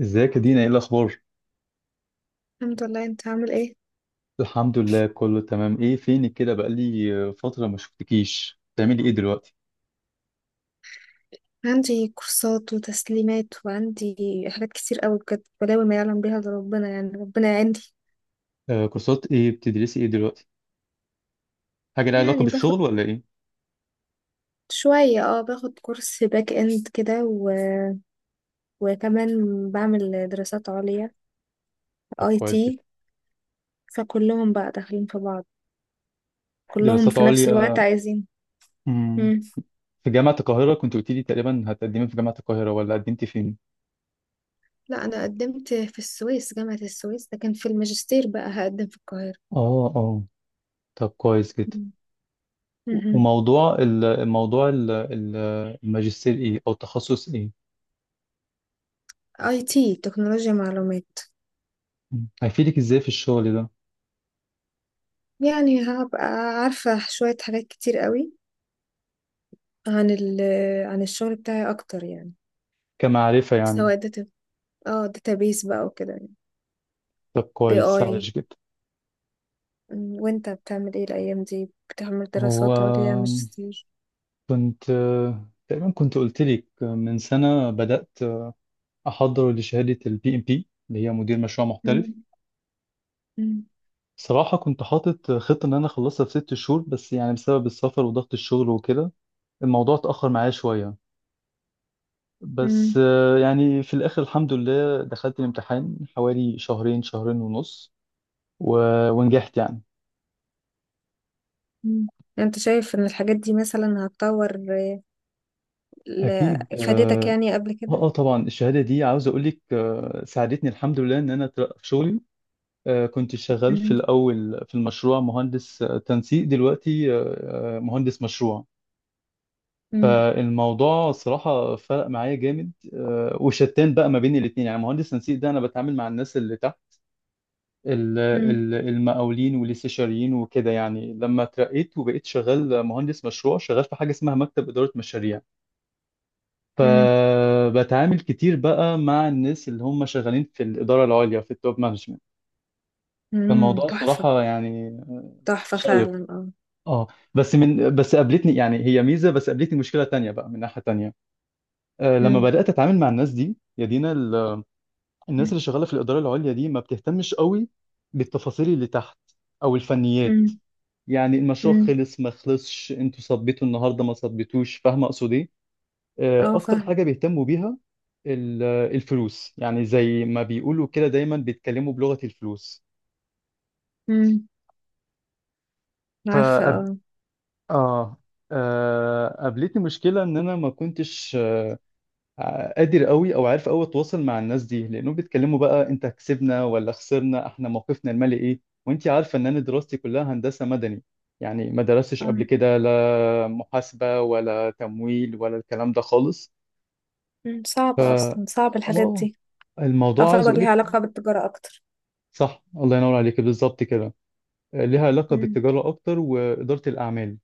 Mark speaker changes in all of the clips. Speaker 1: ازيك يا دينا؟ ايه الاخبار؟
Speaker 2: الحمد لله، انت عامل ايه؟
Speaker 1: الحمد لله كله تمام. ايه فينك كده؟ بقالي فتره ما شفتكيش. بتعملي ايه دلوقتي؟
Speaker 2: عندي كورسات وتسليمات، وعندي حاجات كتير قوي بجد، بلاوي ما يعلم بيها الا ربنا، يعني ربنا يعيني.
Speaker 1: آه، كورسات ايه بتدرسي ايه دلوقتي؟ حاجه لها علاقه
Speaker 2: يعني باخد
Speaker 1: بالشغل ولا ايه؟
Speaker 2: شوية، باخد كورس باك اند كده وكمان بعمل دراسات عليا
Speaker 1: طب
Speaker 2: اي
Speaker 1: كويس
Speaker 2: تي
Speaker 1: جدا.
Speaker 2: فكلهم بقى داخلين في بعض، كلهم
Speaker 1: دراسات
Speaker 2: في نفس الوقت
Speaker 1: عليا.
Speaker 2: عايزين.
Speaker 1: مم.
Speaker 2: مم.
Speaker 1: في جامعه القاهره كنت قلت لي تقريبا هتقدمي في جامعه القاهره، ولا قدمتي فين؟
Speaker 2: لا، انا قدمت في السويس، جامعة السويس. ده كان في الماجستير، بقى هقدم في القاهرة.
Speaker 1: اه اه. طب كويس جدا.
Speaker 2: مم. مهم.
Speaker 1: وموضوع الماجستير ايه او التخصص ايه؟
Speaker 2: IT، تكنولوجيا معلومات.
Speaker 1: مم. هيفيدك ازاي في الشغل ده؟
Speaker 2: يعني هبقى عارفة شوية حاجات كتير قوي عن ال عن الشغل بتاعي أكتر، يعني
Speaker 1: كمعرفه يعني.
Speaker 2: سواء داتا، اه داتابيس بقى وكده يعني.
Speaker 1: طب
Speaker 2: اي،
Speaker 1: كويس،
Speaker 2: اي،
Speaker 1: سهل جدا.
Speaker 2: وانت بتعمل ايه الأيام دي؟ بتعمل
Speaker 1: هو
Speaker 2: دراسات عليا ماجستير؟
Speaker 1: كنت تقريبا كنت قلت لك من سنة بدأت أحضر لشهادة البي ام بي، اللي هي مدير مشروع محترف.
Speaker 2: مم. مم.
Speaker 1: صراحة كنت حاطط خطة إن أنا أخلصها في 6 شهور، بس يعني بسبب السفر وضغط الشغل وكده الموضوع اتأخر معايا شوية. بس
Speaker 2: مم.
Speaker 1: يعني في الآخر الحمد لله دخلت الامتحان حوالي شهرين ونص، و... ونجحت يعني.
Speaker 2: مم. يعني انت شايف ان الحاجات دي مثلا هتطور، ل-
Speaker 1: أكيد
Speaker 2: افادتك
Speaker 1: آه.
Speaker 2: يعني قبل كده؟
Speaker 1: طبعا الشهادة دي عاوز أقول لك، ساعدتني الحمد لله إن أنا أترقى في شغلي. كنت شغال في
Speaker 2: مم.
Speaker 1: الأول في المشروع مهندس تنسيق، دلوقتي مهندس مشروع.
Speaker 2: مم.
Speaker 1: فالموضوع صراحة فرق معايا جامد، وشتان بقى ما بين الاتنين. يعني مهندس تنسيق ده أنا بتعامل مع الناس اللي تحت،
Speaker 2: مم.
Speaker 1: المقاولين والاستشاريين وكده. يعني لما اترقيت وبقيت شغال مهندس مشروع، شغال في حاجة اسمها مكتب إدارة مشاريع.
Speaker 2: مم.
Speaker 1: فبتعامل كتير بقى مع الناس اللي هم شغالين في الإدارة العليا، في التوب مانجمنت.
Speaker 2: مم.
Speaker 1: فالموضوع
Speaker 2: تحفة.
Speaker 1: صراحة يعني
Speaker 2: تحفة
Speaker 1: شيق.
Speaker 2: فعلا، اه.
Speaker 1: اه. بس قابلتني يعني، هي ميزه، بس قابلتني مشكله تانية بقى من ناحيه تانية. لما
Speaker 2: مم.
Speaker 1: بدات اتعامل مع الناس دي يا دينا، الناس اللي شغاله في الاداره العليا دي ما بتهتمش قوي بالتفاصيل اللي تحت او الفنيات.
Speaker 2: مم.
Speaker 1: يعني المشروع
Speaker 2: مم.
Speaker 1: خلص ما خلصش، انتوا صبيتوا النهارده ما صبيتوش، فاهمه اقصد ايه؟
Speaker 2: اه،
Speaker 1: اكتر
Speaker 2: فاهم.
Speaker 1: حاجه بيهتموا بيها الفلوس. يعني زي ما بيقولوا كده دايما بيتكلموا بلغه الفلوس.
Speaker 2: مم. عارفة،
Speaker 1: فأب...
Speaker 2: اه،
Speaker 1: اه. قابلتني مشكله ان انا ما كنتش، قادر قوي او عارف قوي اتواصل مع الناس دي، لانهم بيتكلموا بقى انت كسبنا ولا خسرنا، احنا موقفنا المالي ايه. وانت عارفه ان انا دراستي كلها هندسه مدني، يعني ما درستش قبل
Speaker 2: آه.
Speaker 1: كده لا محاسبه ولا تمويل ولا الكلام ده خالص.
Speaker 2: مم.
Speaker 1: ف
Speaker 2: صعبة أصلا، صعب الحاجات
Speaker 1: اه،
Speaker 2: دي.
Speaker 1: الموضوع عايز
Speaker 2: تعتبر
Speaker 1: اقول
Speaker 2: ليها
Speaker 1: لك،
Speaker 2: علاقة بالتجارة أكتر.
Speaker 1: صح الله ينور عليك بالظبط كده، ليها علاقه
Speaker 2: مم.
Speaker 1: بالتجاره اكتر واداره الاعمال.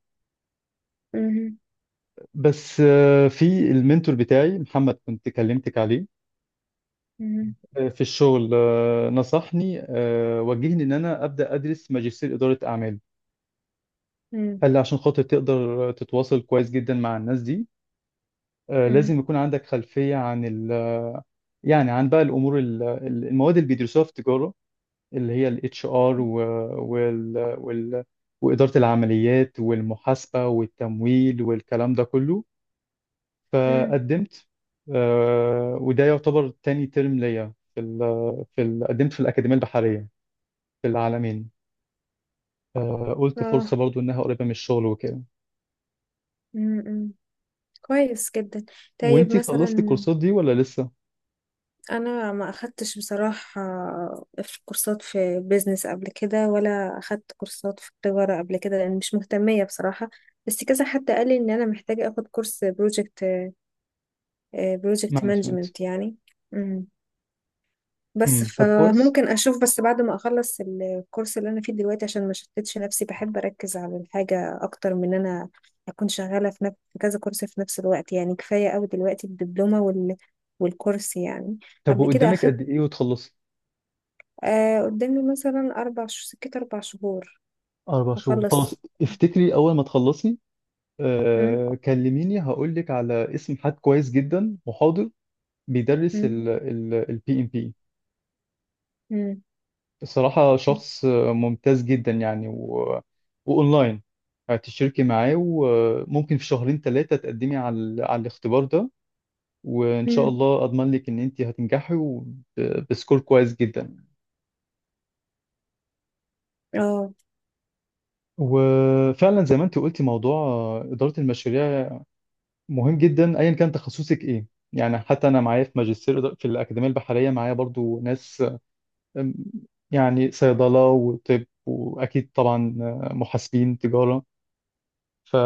Speaker 2: مم.
Speaker 1: بس في المنتور بتاعي محمد، كنت كلمتك عليه
Speaker 2: مم.
Speaker 1: في الشغل، نصحني، وجهني ان انا ابدا ادرس ماجستير اداره اعمال.
Speaker 2: مم.
Speaker 1: قال لي عشان خاطر تقدر تتواصل كويس جدا مع الناس دي،
Speaker 2: مم.
Speaker 1: لازم يكون عندك خلفيه عن يعني عن بقى الامور المواد اللي بيدرسوها في التجاره، اللي هي الاتش ار وال واداره العمليات والمحاسبه والتمويل والكلام ده كله.
Speaker 2: مم.
Speaker 1: فقدمت، وده يعتبر تاني ترم ليا في ال قدمت في الاكاديميه البحريه في العالمين. قلت
Speaker 2: آه.
Speaker 1: فرصة برضو إنها قريبة من الشغل وكده.
Speaker 2: مم. مم. كويس جدا. طيب،
Speaker 1: وإنتي خلصتي
Speaker 2: مثلا
Speaker 1: الكورسات دي ولا لسه؟
Speaker 2: أنا ما أخدتش بصراحة في كورسات في بيزنس قبل كده، ولا أخدت كورسات في التجارة قبل كده، لأن مش مهتمية بصراحة. بس كذا حد قال لي إن أنا محتاجة أخد كورس بروجكت
Speaker 1: مانجمنت.
Speaker 2: مانجمنت يعني. بس
Speaker 1: طب كويس.
Speaker 2: فممكن اشوف، بس بعد ما اخلص الكورس اللي انا فيه دلوقتي، عشان ما شتتش نفسي. بحب اركز على الحاجه اكتر من ان انا اكون شغاله في كذا كورس في نفس الوقت. يعني كفايه قوي دلوقتي الدبلومه والكورس يعني.
Speaker 1: طب
Speaker 2: قبل كده
Speaker 1: وقدامك
Speaker 2: اخدت،
Speaker 1: قد إيه وتخلصي؟
Speaker 2: قدامي مثلا اربع سكت، اربع شهور،
Speaker 1: 4 شهور، خلاص.
Speaker 2: واخلص.
Speaker 1: افتكري أول ما تخلصي
Speaker 2: مم.
Speaker 1: كلميني، هقول لك على اسم حد كويس جدا محاضر بيدرس
Speaker 2: مم.
Speaker 1: البي إم بي.
Speaker 2: مم.
Speaker 1: الصراحة شخص ممتاز جدا يعني وأونلاين. هتشتركي معاه وممكن في شهرين ثلاثة تقدمي على الاختبار ده، وان شاء
Speaker 2: مم.
Speaker 1: الله اضمن لك ان انت هتنجحي بسكور كويس جدا.
Speaker 2: اه.
Speaker 1: وفعلا زي ما انت قلتي، موضوع اداره المشاريع مهم جدا ايا كان تخصصك ايه. يعني حتى انا معايا في ماجستير في الاكاديميه البحريه معايا برضو ناس، أم، يعني صيدله وطب واكيد طبعا محاسبين تجاره. ف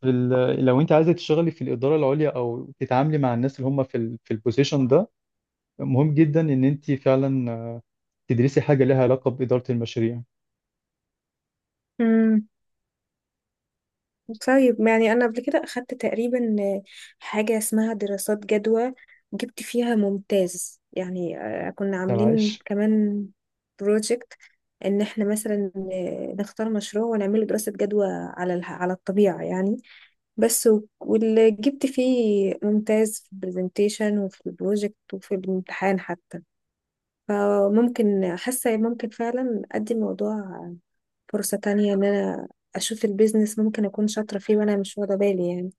Speaker 1: في لو انت عايزه تشتغلي في الاداره العليا او تتعاملي مع الناس اللي هم في في البوزيشن ده، مهم جدا ان انت فعلا تدرسي حاجة لها علاقة بإدارة المشاريع.
Speaker 2: مم. طيب، ما يعني انا قبل كده اخدت تقريبا حاجه اسمها دراسات جدوى، جبت فيها ممتاز يعني. كنا
Speaker 1: طب
Speaker 2: عاملين
Speaker 1: عايش.
Speaker 2: كمان بروجكت ان احنا مثلا، نختار مشروع ونعمله دراسه جدوى على الطبيعه يعني. بس واللي جبت فيه ممتاز في البرزنتيشن وفي البروجكت وفي الامتحان حتى. فممكن حاسة ممكن فعلا أدي الموضوع فرصة تانية، إن أنا أشوف البيزنس ممكن أكون شاطرة فيه وأنا مش واخدة بالي يعني.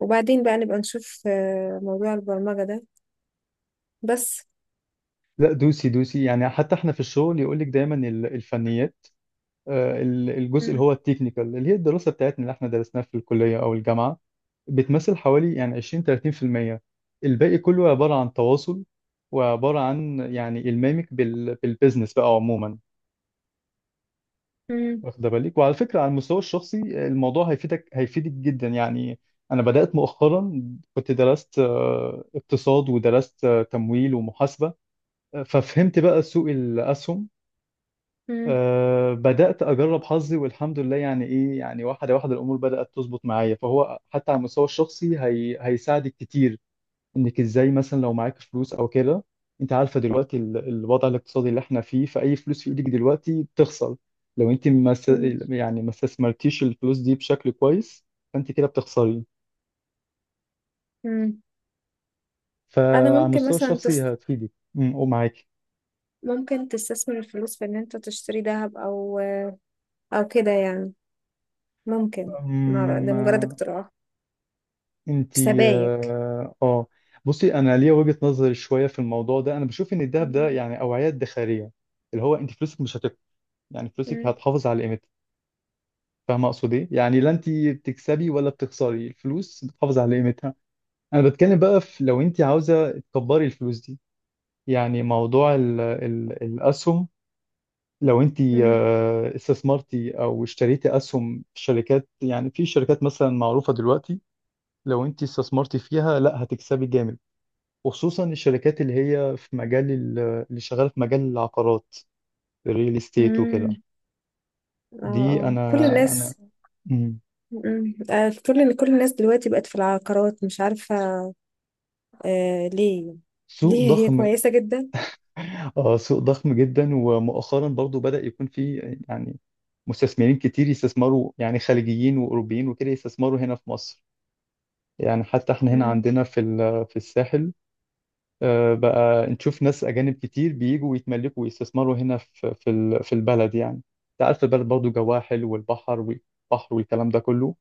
Speaker 2: وبعدين بقى نبقى نشوف، موضوع البرمجة ده بس.
Speaker 1: لا، دوسي دوسي. يعني حتى احنا في الشغل يقول لك دايما الفنيات، الجزء اللي
Speaker 2: مم.
Speaker 1: هو التكنيكال، اللي هي الدراسة بتاعتنا اللي احنا درسناها في الكلية أو الجامعة، بتمثل حوالي يعني 20 30%. الباقي كله عبارة عن تواصل، وعبارة عن يعني إلمامك بالبيزنس بقى عموما.
Speaker 2: مم.
Speaker 1: واخدة بالك؟ وعلى فكرة على المستوى الشخصي الموضوع هيفيدك، جدا يعني. أنا بدأت مؤخرا، كنت درست اقتصاد، ودرست تمويل ومحاسبة. ففهمت بقى سوق الأسهم.
Speaker 2: مم.
Speaker 1: أه، بدأت أجرب حظي والحمد لله، يعني إيه يعني، واحدة واحدة الأمور بدأت تظبط معايا. فهو حتى على المستوى الشخصي هي هيساعدك كتير، إنك إزاي مثلا لو معاك فلوس أو كده. أنت عارفة دلوقتي الوضع الاقتصادي اللي إحنا فيه، فأي فلوس في إيدك دلوقتي بتخسر. لو أنت ما س-
Speaker 2: مم.
Speaker 1: يعني ما استثمرتيش الفلوس دي بشكل كويس، فأنت كده بتخسري.
Speaker 2: مم. أنا
Speaker 1: فعلى
Speaker 2: ممكن
Speaker 1: المستوى
Speaker 2: مثلا
Speaker 1: الشخصي هتفيدك. ومعاكي.
Speaker 2: ممكن تستثمر الفلوس في إن أنت تشتري ذهب، أو كده يعني. ممكن، ما- أعرف، ده مجرد اقتراح. في
Speaker 1: انتي
Speaker 2: سبايك.
Speaker 1: اه آه. بصي، انا ليا وجهة نظر شويه في الموضوع ده. انا بشوف ان الذهب ده
Speaker 2: مم.
Speaker 1: يعني اوعيه ادخاريه، اللي هو انت فلوسك مش هتك، يعني فلوسك
Speaker 2: مم.
Speaker 1: هتحافظ على قيمتها. فاهمه اقصد ايه؟ يعني لا انت بتكسبي ولا بتخسري، الفلوس بتحافظ على قيمتها. انا بتكلم بقى في، لو انت عاوزه تكبري الفلوس دي، يعني موضوع ال الاسهم. لو انت
Speaker 2: مم.
Speaker 1: استثمرتي او اشتريتي اسهم في شركات، يعني في شركات مثلا معروفه دلوقتي، لو انت استثمرتي فيها لا هتكسبي جامد. وخصوصا الشركات اللي هي في مجال اللي شغاله في مجال العقارات، الريل استيت
Speaker 2: مم.
Speaker 1: وكده.
Speaker 2: اه،
Speaker 1: دي
Speaker 2: آه.
Speaker 1: انا
Speaker 2: كل
Speaker 1: انا
Speaker 2: الناس.
Speaker 1: مم.
Speaker 2: مم. آه، كل الناس دلوقتي بقت في العقارات، مش عارفة ليه.
Speaker 1: سوق
Speaker 2: ليه هي
Speaker 1: ضخم.
Speaker 2: كويسة جدا؟
Speaker 1: اه، سوق ضخم جدا، ومؤخرا برضو بدأ يكون في يعني مستثمرين كتير يستثمروا، يعني خليجيين واوروبيين وكده، يستثمروا هنا في مصر. يعني حتى احنا هنا
Speaker 2: مم.
Speaker 1: عندنا في في الساحل، بقى نشوف ناس اجانب كتير بيجوا ويتملكوا ويستثمروا هنا في البلد يعني. انت عارف البلد برضو جواها حلو، والبحر والبحر والكلام ده كله.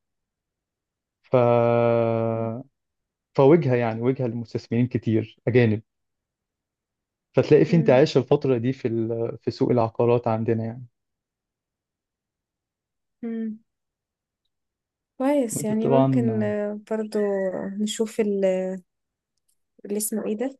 Speaker 1: ف
Speaker 2: مم.
Speaker 1: فوجهه، يعني وجهه لمستثمرين كتير اجانب. فتلاقي في
Speaker 2: مم.
Speaker 1: انتعاش الفتره دي في في سوق العقارات عندنا يعني.
Speaker 2: مم. كويس،
Speaker 1: وانت
Speaker 2: يعني ممكن،
Speaker 1: طبعا.
Speaker 2: برضو نشوف اللي اسمه ايه ده،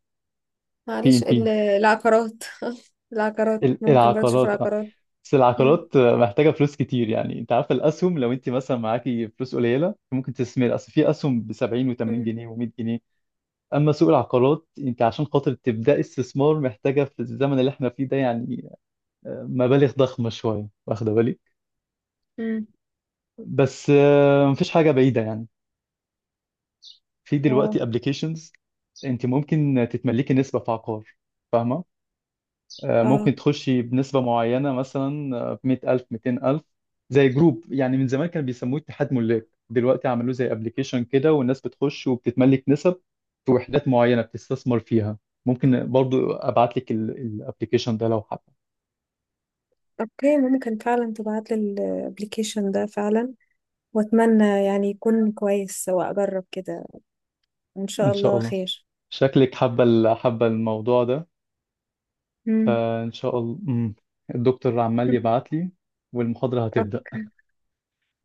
Speaker 1: بي ام
Speaker 2: معلش
Speaker 1: بي.
Speaker 2: العقارات. العقارات ممكن برضو نشوف
Speaker 1: العقارات، اه.
Speaker 2: العقارات.
Speaker 1: بس
Speaker 2: مم.
Speaker 1: العقارات محتاجه فلوس كتير. يعني انت عارف الاسهم، لو انت مثلا معاكي فلوس قليله، ممكن تستثمر اصل في اسهم ب 70 و80
Speaker 2: مم.
Speaker 1: جنيه و100 جنيه. اما سوق العقارات، انت عشان خاطر تبداي استثمار محتاجه في الزمن اللي احنا فيه ده يعني مبالغ ضخمه شويه، واخده بالك.
Speaker 2: مم.
Speaker 1: بس مفيش حاجه بعيده يعني. في
Speaker 2: اه،
Speaker 1: دلوقتي ابلكيشنز، انت ممكن تتملكي نسبه في عقار. فاهمه؟
Speaker 2: اه،
Speaker 1: ممكن تخشي بنسبه معينه مثلا 100000 200000. زي جروب يعني من زمان كانوا بيسموه اتحاد ملاك، دلوقتي عملوه زي ابلكيشن كده، والناس بتخش وبتتملك نسب في وحدات معينه بتستثمر فيها. ممكن برضو ابعت لك الابلكيشن ده لو حابه.
Speaker 2: اوكي، ممكن فعلا تبعت لي الابليكيشن ده فعلا، واتمنى يعني يكون كويس واجرب كده، وان شاء
Speaker 1: ان شاء
Speaker 2: الله
Speaker 1: الله.
Speaker 2: خير.
Speaker 1: شكلك حابه حابه الموضوع ده.
Speaker 2: مم.
Speaker 1: فان شاء الله. مم. الدكتور عمال يبعت لي، والمحاضره هتبدا.
Speaker 2: اوكي.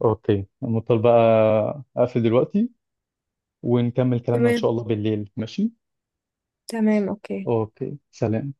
Speaker 1: اوكي، مضطر بقى اقفل دلوقتي، ونكمل كلامنا ان
Speaker 2: تمام.
Speaker 1: شاء الله بالليل، ماشي؟
Speaker 2: تمام، اوكي.
Speaker 1: اوكي، سلام.